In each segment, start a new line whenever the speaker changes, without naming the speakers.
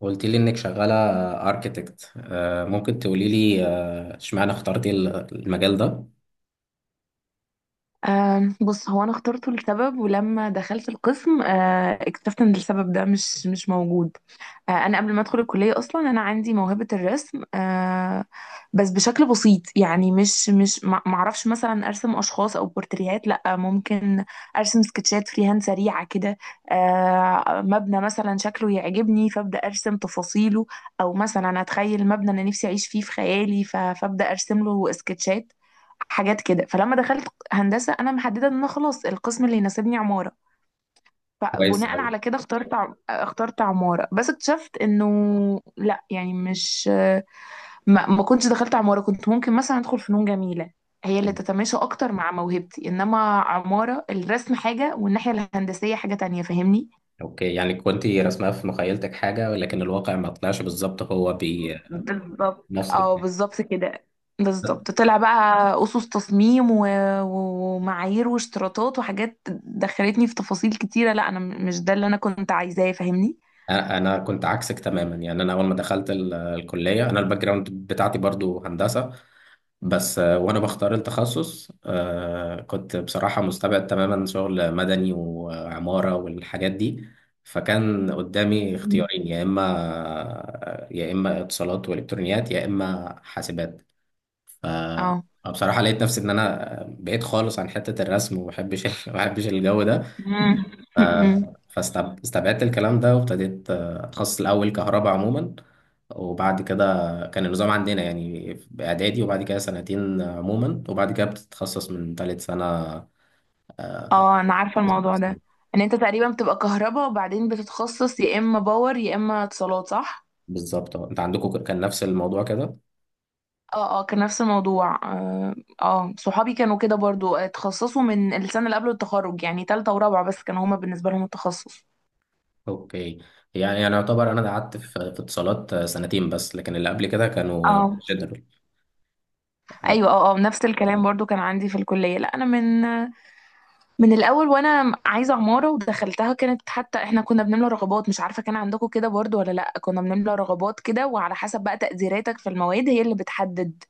قلت لي انك شغاله اركيتكت. ممكن تقولي لي اشمعنى اخترتي المجال ده؟
آه بص، هو انا اخترته لسبب، ولما دخلت القسم آه اكتشفت ان السبب ده مش موجود. آه، انا قبل ما ادخل الكليه اصلا انا عندي موهبه الرسم. آه، بس بشكل بسيط، يعني مش مش ما ما اعرفش مثلا ارسم اشخاص او بورتريهات، لا. ممكن ارسم سكتشات فري هاند سريعه كده. آه، مبنى مثلا شكله يعجبني فابدا ارسم تفاصيله، او مثلا اتخيل مبنى انا نفسي اعيش فيه في خيالي فابدا ارسم له سكتشات، حاجات كده. فلما دخلت هندسه انا محدده ان انا خلاص القسم اللي يناسبني عماره،
كويس
فبناء
أوي.
على كده اخترت اخترت عمارة. بس اكتشفت انه لا، يعني مش ما كنتش دخلت عمارة، كنت ممكن مثلا ادخل فنون جميلة، هي اللي تتماشى اكتر مع موهبتي. انما عمارة، الرسم حاجة والناحية الهندسية حاجة تانية، فاهمني.
اوكي، يعني كنت رسمها في مخيلتك حاجه، ولكن الواقع ما طلعش بالظبط، هو بنفس
بالظبط، اه
الاثنين.
بالظبط كده. بالظبط طلع بقى اسس تصميم و ومعايير واشتراطات وحاجات دخلتني في تفاصيل كتيرة. لا انا مش ده اللي انا كنت عايزاه، فاهمني.
انا كنت عكسك تماما، يعني انا اول ما دخلت الكليه انا الباك جراوند بتاعتي برضو هندسه. بس وانا بختار التخصص، كنت بصراحه مستبعد تماما شغل مدني وعماره والحاجات دي. فكان قدامي
مم.
اختيارين، يا اما اتصالات والكترونيات يا اما حاسبات. ف
اه.
بصراحه لقيت نفسي ان انا بعيد خالص عن حته الرسم وما بحبش ما بحبش الجو ده. ف-
مم.
فاستبعدت الكلام ده، وابتديت اتخصص الاول كهرباء عموما. وبعد كده كان النظام عندنا يعني باعدادي، وبعد كده سنتين عموما، وبعد كده بتتخصص من ثالث سنه.
اه انا عارفة الموضوع ده، ان انت تقريبا بتبقى كهرباء وبعدين بتتخصص يا اما باور يا اما اتصالات، صح.
بالظبط أه. انت عندكم كان نفس الموضوع كده؟
اه اه كان نفس الموضوع اه. آه، صحابي كانوا كده برضو، آه، اتخصصوا من السنة اللي قبل التخرج يعني تالتة ورابعة، بس كانوا هما بالنسبة لهم التخصص.
اوكي، يعني يعتبر انا قعدت في اتصالات سنتين بس، لكن اللي قبل كده كانوا
اه.
جنرال.
ايوه اه اه، نفس الكلام برضو كان عندي في الكلية. لا انا من من الاول وانا عايزه عماره ودخلتها. كانت حتى احنا كنا بنملى رغبات، مش عارفه كان عندكم كده برضو ولا لا، كنا بنملى رغبات كده وعلى حسب بقى تقديراتك في المواد هي اللي بتحدد.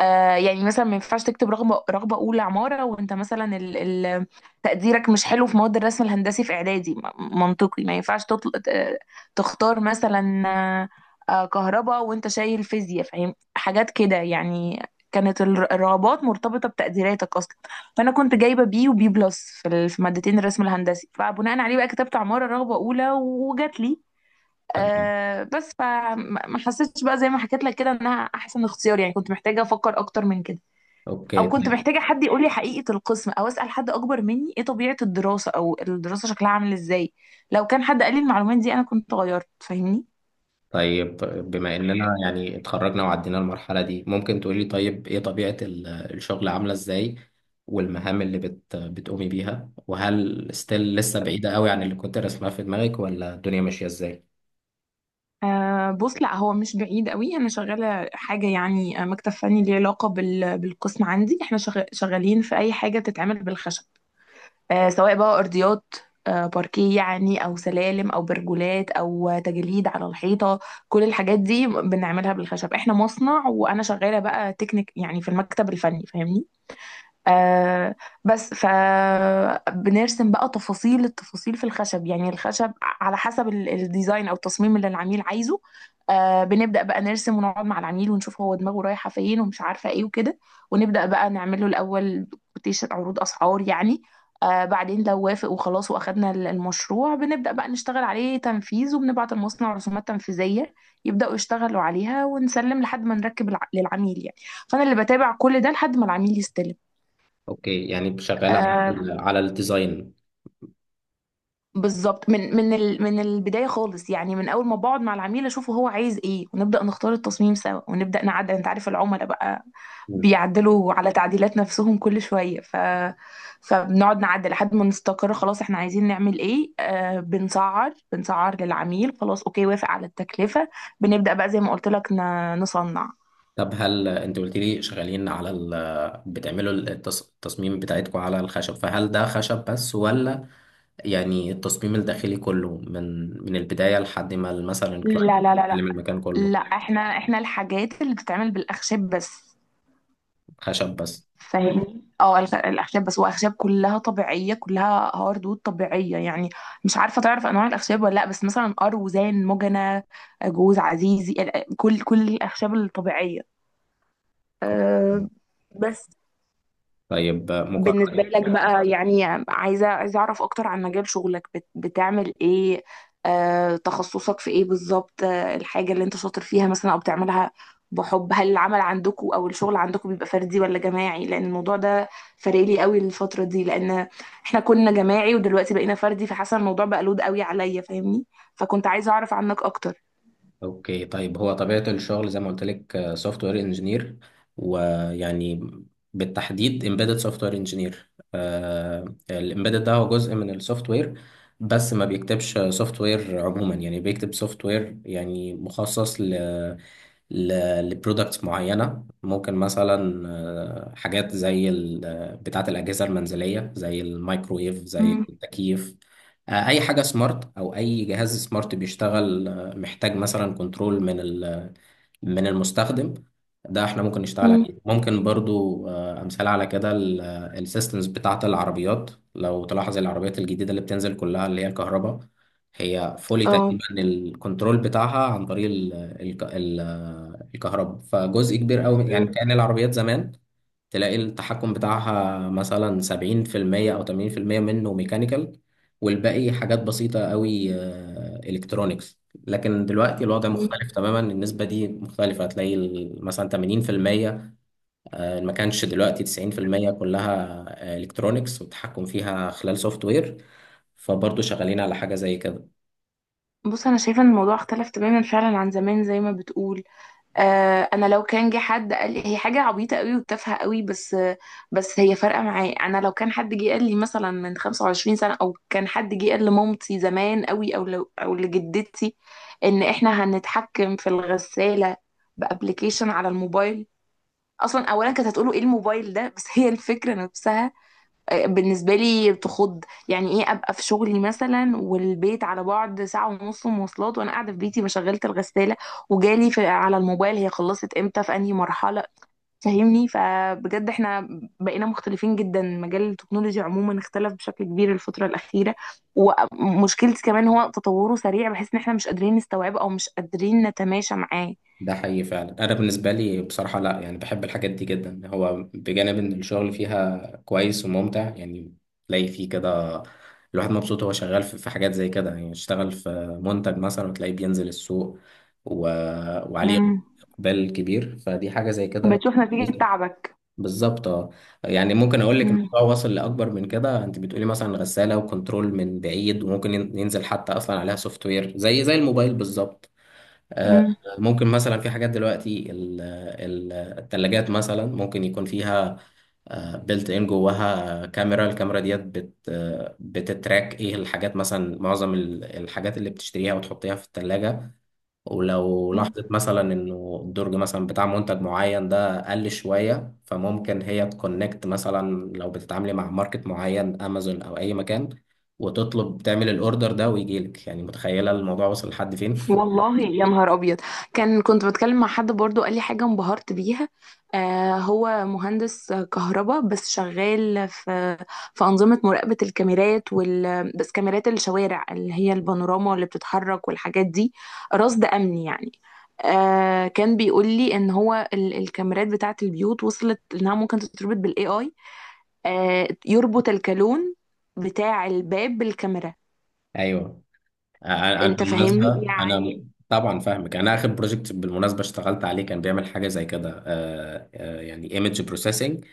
آه يعني مثلا ما ينفعش تكتب رغبه اولى عماره وانت مثلا ال تقديرك مش حلو في مواد الرسم الهندسي في اعدادي، منطقي ما ينفعش تختار مثلا آه، كهرباء وانت شايل فيزياء، فاهم حاجات كده يعني. كانت الرغبات مرتبطه بتقديراتك اصلا. فانا كنت جايبه بي وبي بلس في في مادتين الرسم الهندسي، فبناء عليه بقى كتبت عماره رغبه اولى وجات لي.
تمام.
آه بس فما ما حسيتش بقى زي ما حكيت لك كده انها احسن اختيار، يعني كنت محتاجه افكر اكتر من كده، او
اوكي
كنت محتاجه حد يقول لي حقيقه القسم او اسال حد اكبر مني ايه طبيعه الدراسه او الدراسه شكلها عامل ازاي. لو كان حد قال لي المعلومات دي انا كنت غيرت، فاهمني.
طيب، بما اننا يعني اتخرجنا وعدينا المرحلة دي، ممكن تقولي طيب ايه طبيعة الشغل عاملة ازاي، والمهام اللي بتقومي بيها، وهل ستيل لسه بعيدة قوي عن اللي كنت رسمها في دماغك، ولا الدنيا ماشية ازاي؟
آه بص، لا هو مش بعيد قوي. انا شغاله حاجه يعني، آه، مكتب فني ليه علاقه بالقسم عندي. احنا شغالين في اي حاجه بتتعمل بالخشب، آه، سواء بقى أرضيات، آه، باركيه يعني، أو سلالم أو برجولات أو تجليد على الحيطة. كل الحاجات دي بنعملها بالخشب. احنا مصنع وأنا شغالة بقى تكنيك يعني في المكتب الفني، فاهمني. آه بس فبنرسم بقى تفاصيل التفاصيل في الخشب، يعني الخشب على حسب الديزاين او التصميم اللي العميل عايزه. آه بنبدأ بقى نرسم ونقعد مع العميل ونشوف هو دماغه رايحة فين ومش عارفة ايه وكده، ونبدأ بقى نعمل له الاول كوتيشن، عروض اسعار يعني. آه بعدين لو وافق وخلاص واخدنا المشروع بنبدأ بقى نشتغل عليه تنفيذ، وبنبعت المصنع رسومات تنفيذية يبدأوا يشتغلوا عليها، ونسلم لحد ما نركب للعميل يعني. فأنا اللي بتابع كل ده لحد ما العميل يستلم.
اوكي، يعني شغالة على
آه
الديزاين.
بالظبط، من من البدايه خالص، يعني من اول ما بقعد مع العميل اشوفه هو عايز ايه، ونبدا نختار التصميم سوا ونبدا نعدل. انت عارف العملاء بقى بيعدلوا على تعديلات نفسهم كل شويه، فبنقعد نعدل لحد ما نستقر خلاص احنا عايزين نعمل ايه. آه بنسعر، بنسعر للعميل خلاص، اوكي، وافق على التكلفه، بنبدا بقى زي ما قلت لك نصنع.
طب هل انت قلت لي شغالين بتعملوا التصميم بتاعتكم على الخشب، فهل ده خشب بس، ولا يعني التصميم الداخلي كله من البداية لحد ما مثلا
لا
الكلاينت
لا لا لا،
يستلم المكان كله؟
لا احنا الحاجات اللي بتتعمل بالاخشاب بس،
خشب بس.
فاهمني. اه الاخشاب بس، واخشاب كلها طبيعيه، كلها هاردوود طبيعيه يعني. مش عارفه تعرف انواع الاخشاب ولا لا، بس مثلا اروزان، مجنة، جوز، عزيزي، كل كل الاخشاب الطبيعيه. أه بس.
طيب
بالنسبة
مقارنة.
لك بقى يعني، عايزة عايزة أعرف أكتر عن مجال شغلك، بت بتعمل إيه، آه، تخصصك في إيه بالظبط، آه، الحاجة اللي أنت شاطر فيها مثلا أو بتعملها بحب. هل العمل عندكم أو الشغل عندكم بيبقى فردي ولا جماعي، لأن الموضوع ده فارق لي قوي الفترة دي. لأن إحنا كنا جماعي ودلوقتي بقينا فردي، فحاسة الموضوع بقى لود قوي عليا، فاهمني. فكنت عايزة أعرف عنك أكتر.
اوكي طيب، هو طبيعة الشغل زي ما قلت لك سوفت وير انجينير، ويعني بالتحديد امبيدد سوفت وير انجينير. الامبيدد ده هو جزء من السوفت وير، بس ما بيكتبش سوفت وير عموما، يعني بيكتب سوفت وير يعني مخصص لبرودكتس معينة. ممكن مثلا حاجات زي ال- آه، بتاعة الأجهزة المنزلية زي الميكرويف زي
مم.
التكييف. أي حاجة سمارت أو أي جهاز سمارت بيشتغل، محتاج مثلا كنترول من المستخدم. ده احنا ممكن نشتغل
مم.
عليه، ممكن برضو امثال على كده السيستمز بتاعه العربيات. لو تلاحظ العربيات الجديده اللي بتنزل كلها اللي هي الكهرباء، هي فولي
اه.
تقريبا الكنترول بتاعها عن طريق الكهرباء. فجزء كبير قوي،
مم.
يعني كأن العربيات زمان تلاقي التحكم بتاعها مثلا 70% أو 80% منه ميكانيكال، والباقي حاجات بسيطة قوي، إلكترونيكس. لكن دلوقتي الوضع مختلف
مم.
تماما، النسبة دي مختلفة، هتلاقي مثلا 80%، ما كانش، دلوقتي 90% كلها إلكترونيكس والتحكم فيها خلال سوفت وير. فبرضه شغالين على حاجة زي كده.
بص، أنا شايفة إن الموضوع اختلف تماما فعلا عن زمان زي ما بتقول. آه، انا لو كان جه حد قال لي هي حاجه عبيطه قوي وتافهه قوي، بس بس هي فارقه معايا. انا لو كان حد جه قال لي مثلا من 25 سنه، او كان حد جه قال لمامتي زمان قوي او لو او لجدتي ان احنا هنتحكم في الغساله بابلكيشن على الموبايل، اصلا اولا كانت هتقولوا ايه الموبايل ده، بس هي الفكره نفسها بالنسبة لي بتخض. يعني ايه ابقى في شغلي مثلا والبيت على بعد ساعة ونص مواصلات، وانا قاعدة في بيتي ما شغلت الغسالة، وجالي في على الموبايل هي خلصت امتى في انهي مرحلة. فاهمني، فبجد احنا بقينا مختلفين جدا. مجال التكنولوجيا عموما اختلف بشكل كبير الفترة الأخيرة، ومشكلتي كمان هو تطوره سريع بحيث ان احنا مش قادرين نستوعبه او مش قادرين نتماشى معاه.
ده حقيقي فعلا. انا بالنسبه لي بصراحه، لا يعني بحب الحاجات دي جدا، هو بجانب ان الشغل فيها كويس وممتع، يعني تلاقي فيه كده الواحد مبسوط هو شغال في حاجات زي كده. يعني اشتغل في منتج مثلا، وتلاقيه بينزل السوق و... وعليه
امم.
اقبال كبير، فدي حاجه زي كده.
بتشوف نتيجة تعبك.
بالظبط اه. يعني ممكن اقول لك
امم.
الموضوع وصل لاكبر من كده. انت بتقولي مثلا غساله وكنترول من بعيد، وممكن ينزل حتى اصلا عليها سوفت وير زي الموبايل بالظبط. آه، ممكن مثلا في حاجات دلوقتي التلاجات، مثلا ممكن يكون فيها بلت ان جواها كاميرا، الكاميرا ديت بت آه، بتتراك ايه الحاجات، مثلا معظم الحاجات اللي بتشتريها وتحطيها في التلاجة. ولو
امم.
لاحظت مثلا انه الدرج مثلا بتاع منتج معين ده قل شوية، فممكن هي تكونكت مثلا لو بتتعاملي مع ماركت معين، امازون او اي مكان، وتطلب تعمل الاوردر ده ويجيلك. يعني متخيلة الموضوع وصل لحد فين؟
والله يا نهار ابيض. كان كنت بتكلم مع حد برضو قال لي حاجه انبهرت بيها. آه هو مهندس كهرباء بس شغال في في انظمه مراقبه الكاميرات، وال بس كاميرات الشوارع اللي هي البانوراما اللي بتتحرك والحاجات دي، رصد امني يعني. آه كان بيقول لي ان هو الكاميرات بتاعه البيوت وصلت انها ممكن تتربط بالاي اي. آه يربط الكالون بتاع الباب بالكاميرا،
ايوه. انا
انت
بالمناسبه
فاهمني.
طبعا فاهمك. انا اخر بروجكت بالمناسبه اشتغلت عليه كان بيعمل حاجه زي كده، يعني ايمج بروسيسنج.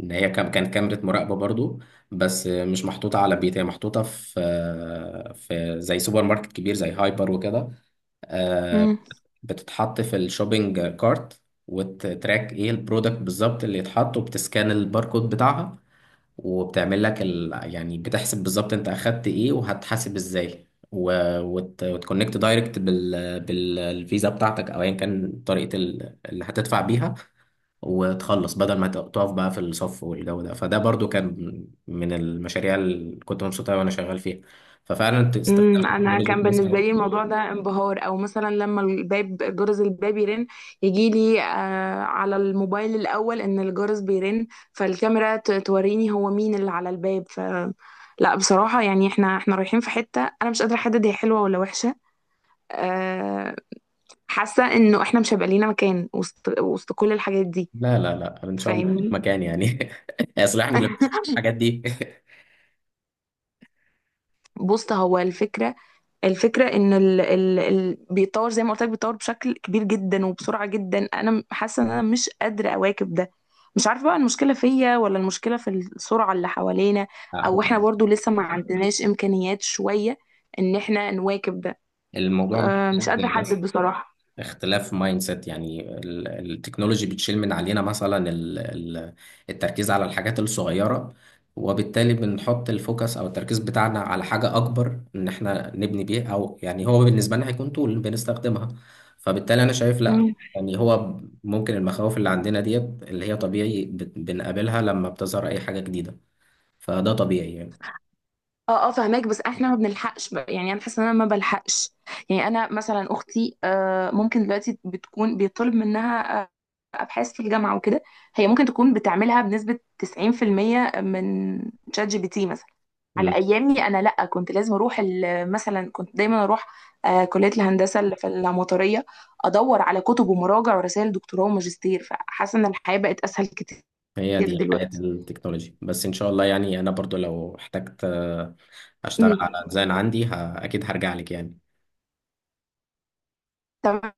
ان هي كانت كاميرا مراقبه برضو، بس مش محطوطه على بيت، هي محطوطه في في زي سوبر ماركت كبير زي هايبر وكده.
مم.
بتتحط في الشوبينج كارت، وتراك ايه البرودكت بالظبط اللي يتحط، وبتسكان الباركود بتاعها، وبتعمل لك يعني بتحسب بالظبط انت اخدت ايه، وهتحاسب ازاي، و... وت... وتكونكت دايركت بالفيزا بتاعتك، او ايا كان طريقة اللي هتدفع بيها، وتخلص بدل ما تقف بقى في الصف والجو ده. فده برضو كان من المشاريع اللي كنت مبسوط قوي وانا شغال فيها. ففعلا، انت استخدام
امم، انا
التكنولوجيا
كان
كويس
بالنسبه
قوي.
لي الموضوع ده انبهار، او مثلا لما الباب، جرس الباب يرن يجي لي آه على الموبايل الاول ان الجرس بيرن، فالكاميرا توريني هو مين اللي على الباب. لا بصراحه يعني احنا احنا رايحين في حته انا مش قادره احدد هي حلوه ولا وحشه. آه، حاسه انه احنا مش هيبقى لينا مكان وسط، وسط كل الحاجات دي،
لا لا لا، ان شاء الله في
فاهمني.
مكان يعني. يصلحني للحاجات دي.
بص، هو الفكرة، الفكرة ان ال بيتطور زي ما قلت لك، بيتطور بشكل كبير جدا وبسرعة جدا. انا حاسة ان انا مش قادرة اواكب ده. مش عارفة بقى المشكلة فيا ولا المشكلة في السرعة اللي حوالينا،
هو
او احنا برضو لسه ما عندناش امكانيات شوية ان احنا نواكب ده.
الموضوع
أه مش قادرة
محتاج
احدد
بس
بصراحة.
اختلاف مايند سيت. يعني التكنولوجي بتشيل من علينا مثلا التركيز على الحاجات الصغيرة، وبالتالي بنحط الفوكس او التركيز بتاعنا على حاجة اكبر ان احنا نبني بيه، او يعني هو بالنسبة لنا هيكون طول بنستخدمها. فبالتالي انا شايف لا،
مم.
يعني هو ممكن المخاوف اللي عندنا ديت اللي هي طبيعي بنقابلها لما بتظهر اي حاجة جديدة، فده طبيعي يعني.
اه اه فهماك، بس احنا ما بنلحقش بقى. يعني انا حاسه ان انا ما بلحقش. يعني انا مثلا اختي آه ممكن دلوقتي بتكون بيطلب منها آه، ابحاث في الجامعه وكده، هي ممكن تكون بتعملها بنسبه 90% من شات جي بي تي مثلا. على ايامي انا لا، كنت لازم اروح مثلا كنت دايما اروح آه، كليه الهندسه اللي في العماريه، ادور على كتب ومراجع ورسائل دكتوراه وماجستير. فحاسه ان الحياه بقت اسهل كتير
هي دي حياة
دلوقتي.
التكنولوجي بس، ان شاء الله يعني. انا برضو لو احتجت اشتغل
أمم.
على ديزاين عندي اكيد هرجع لك يعني.
تمام.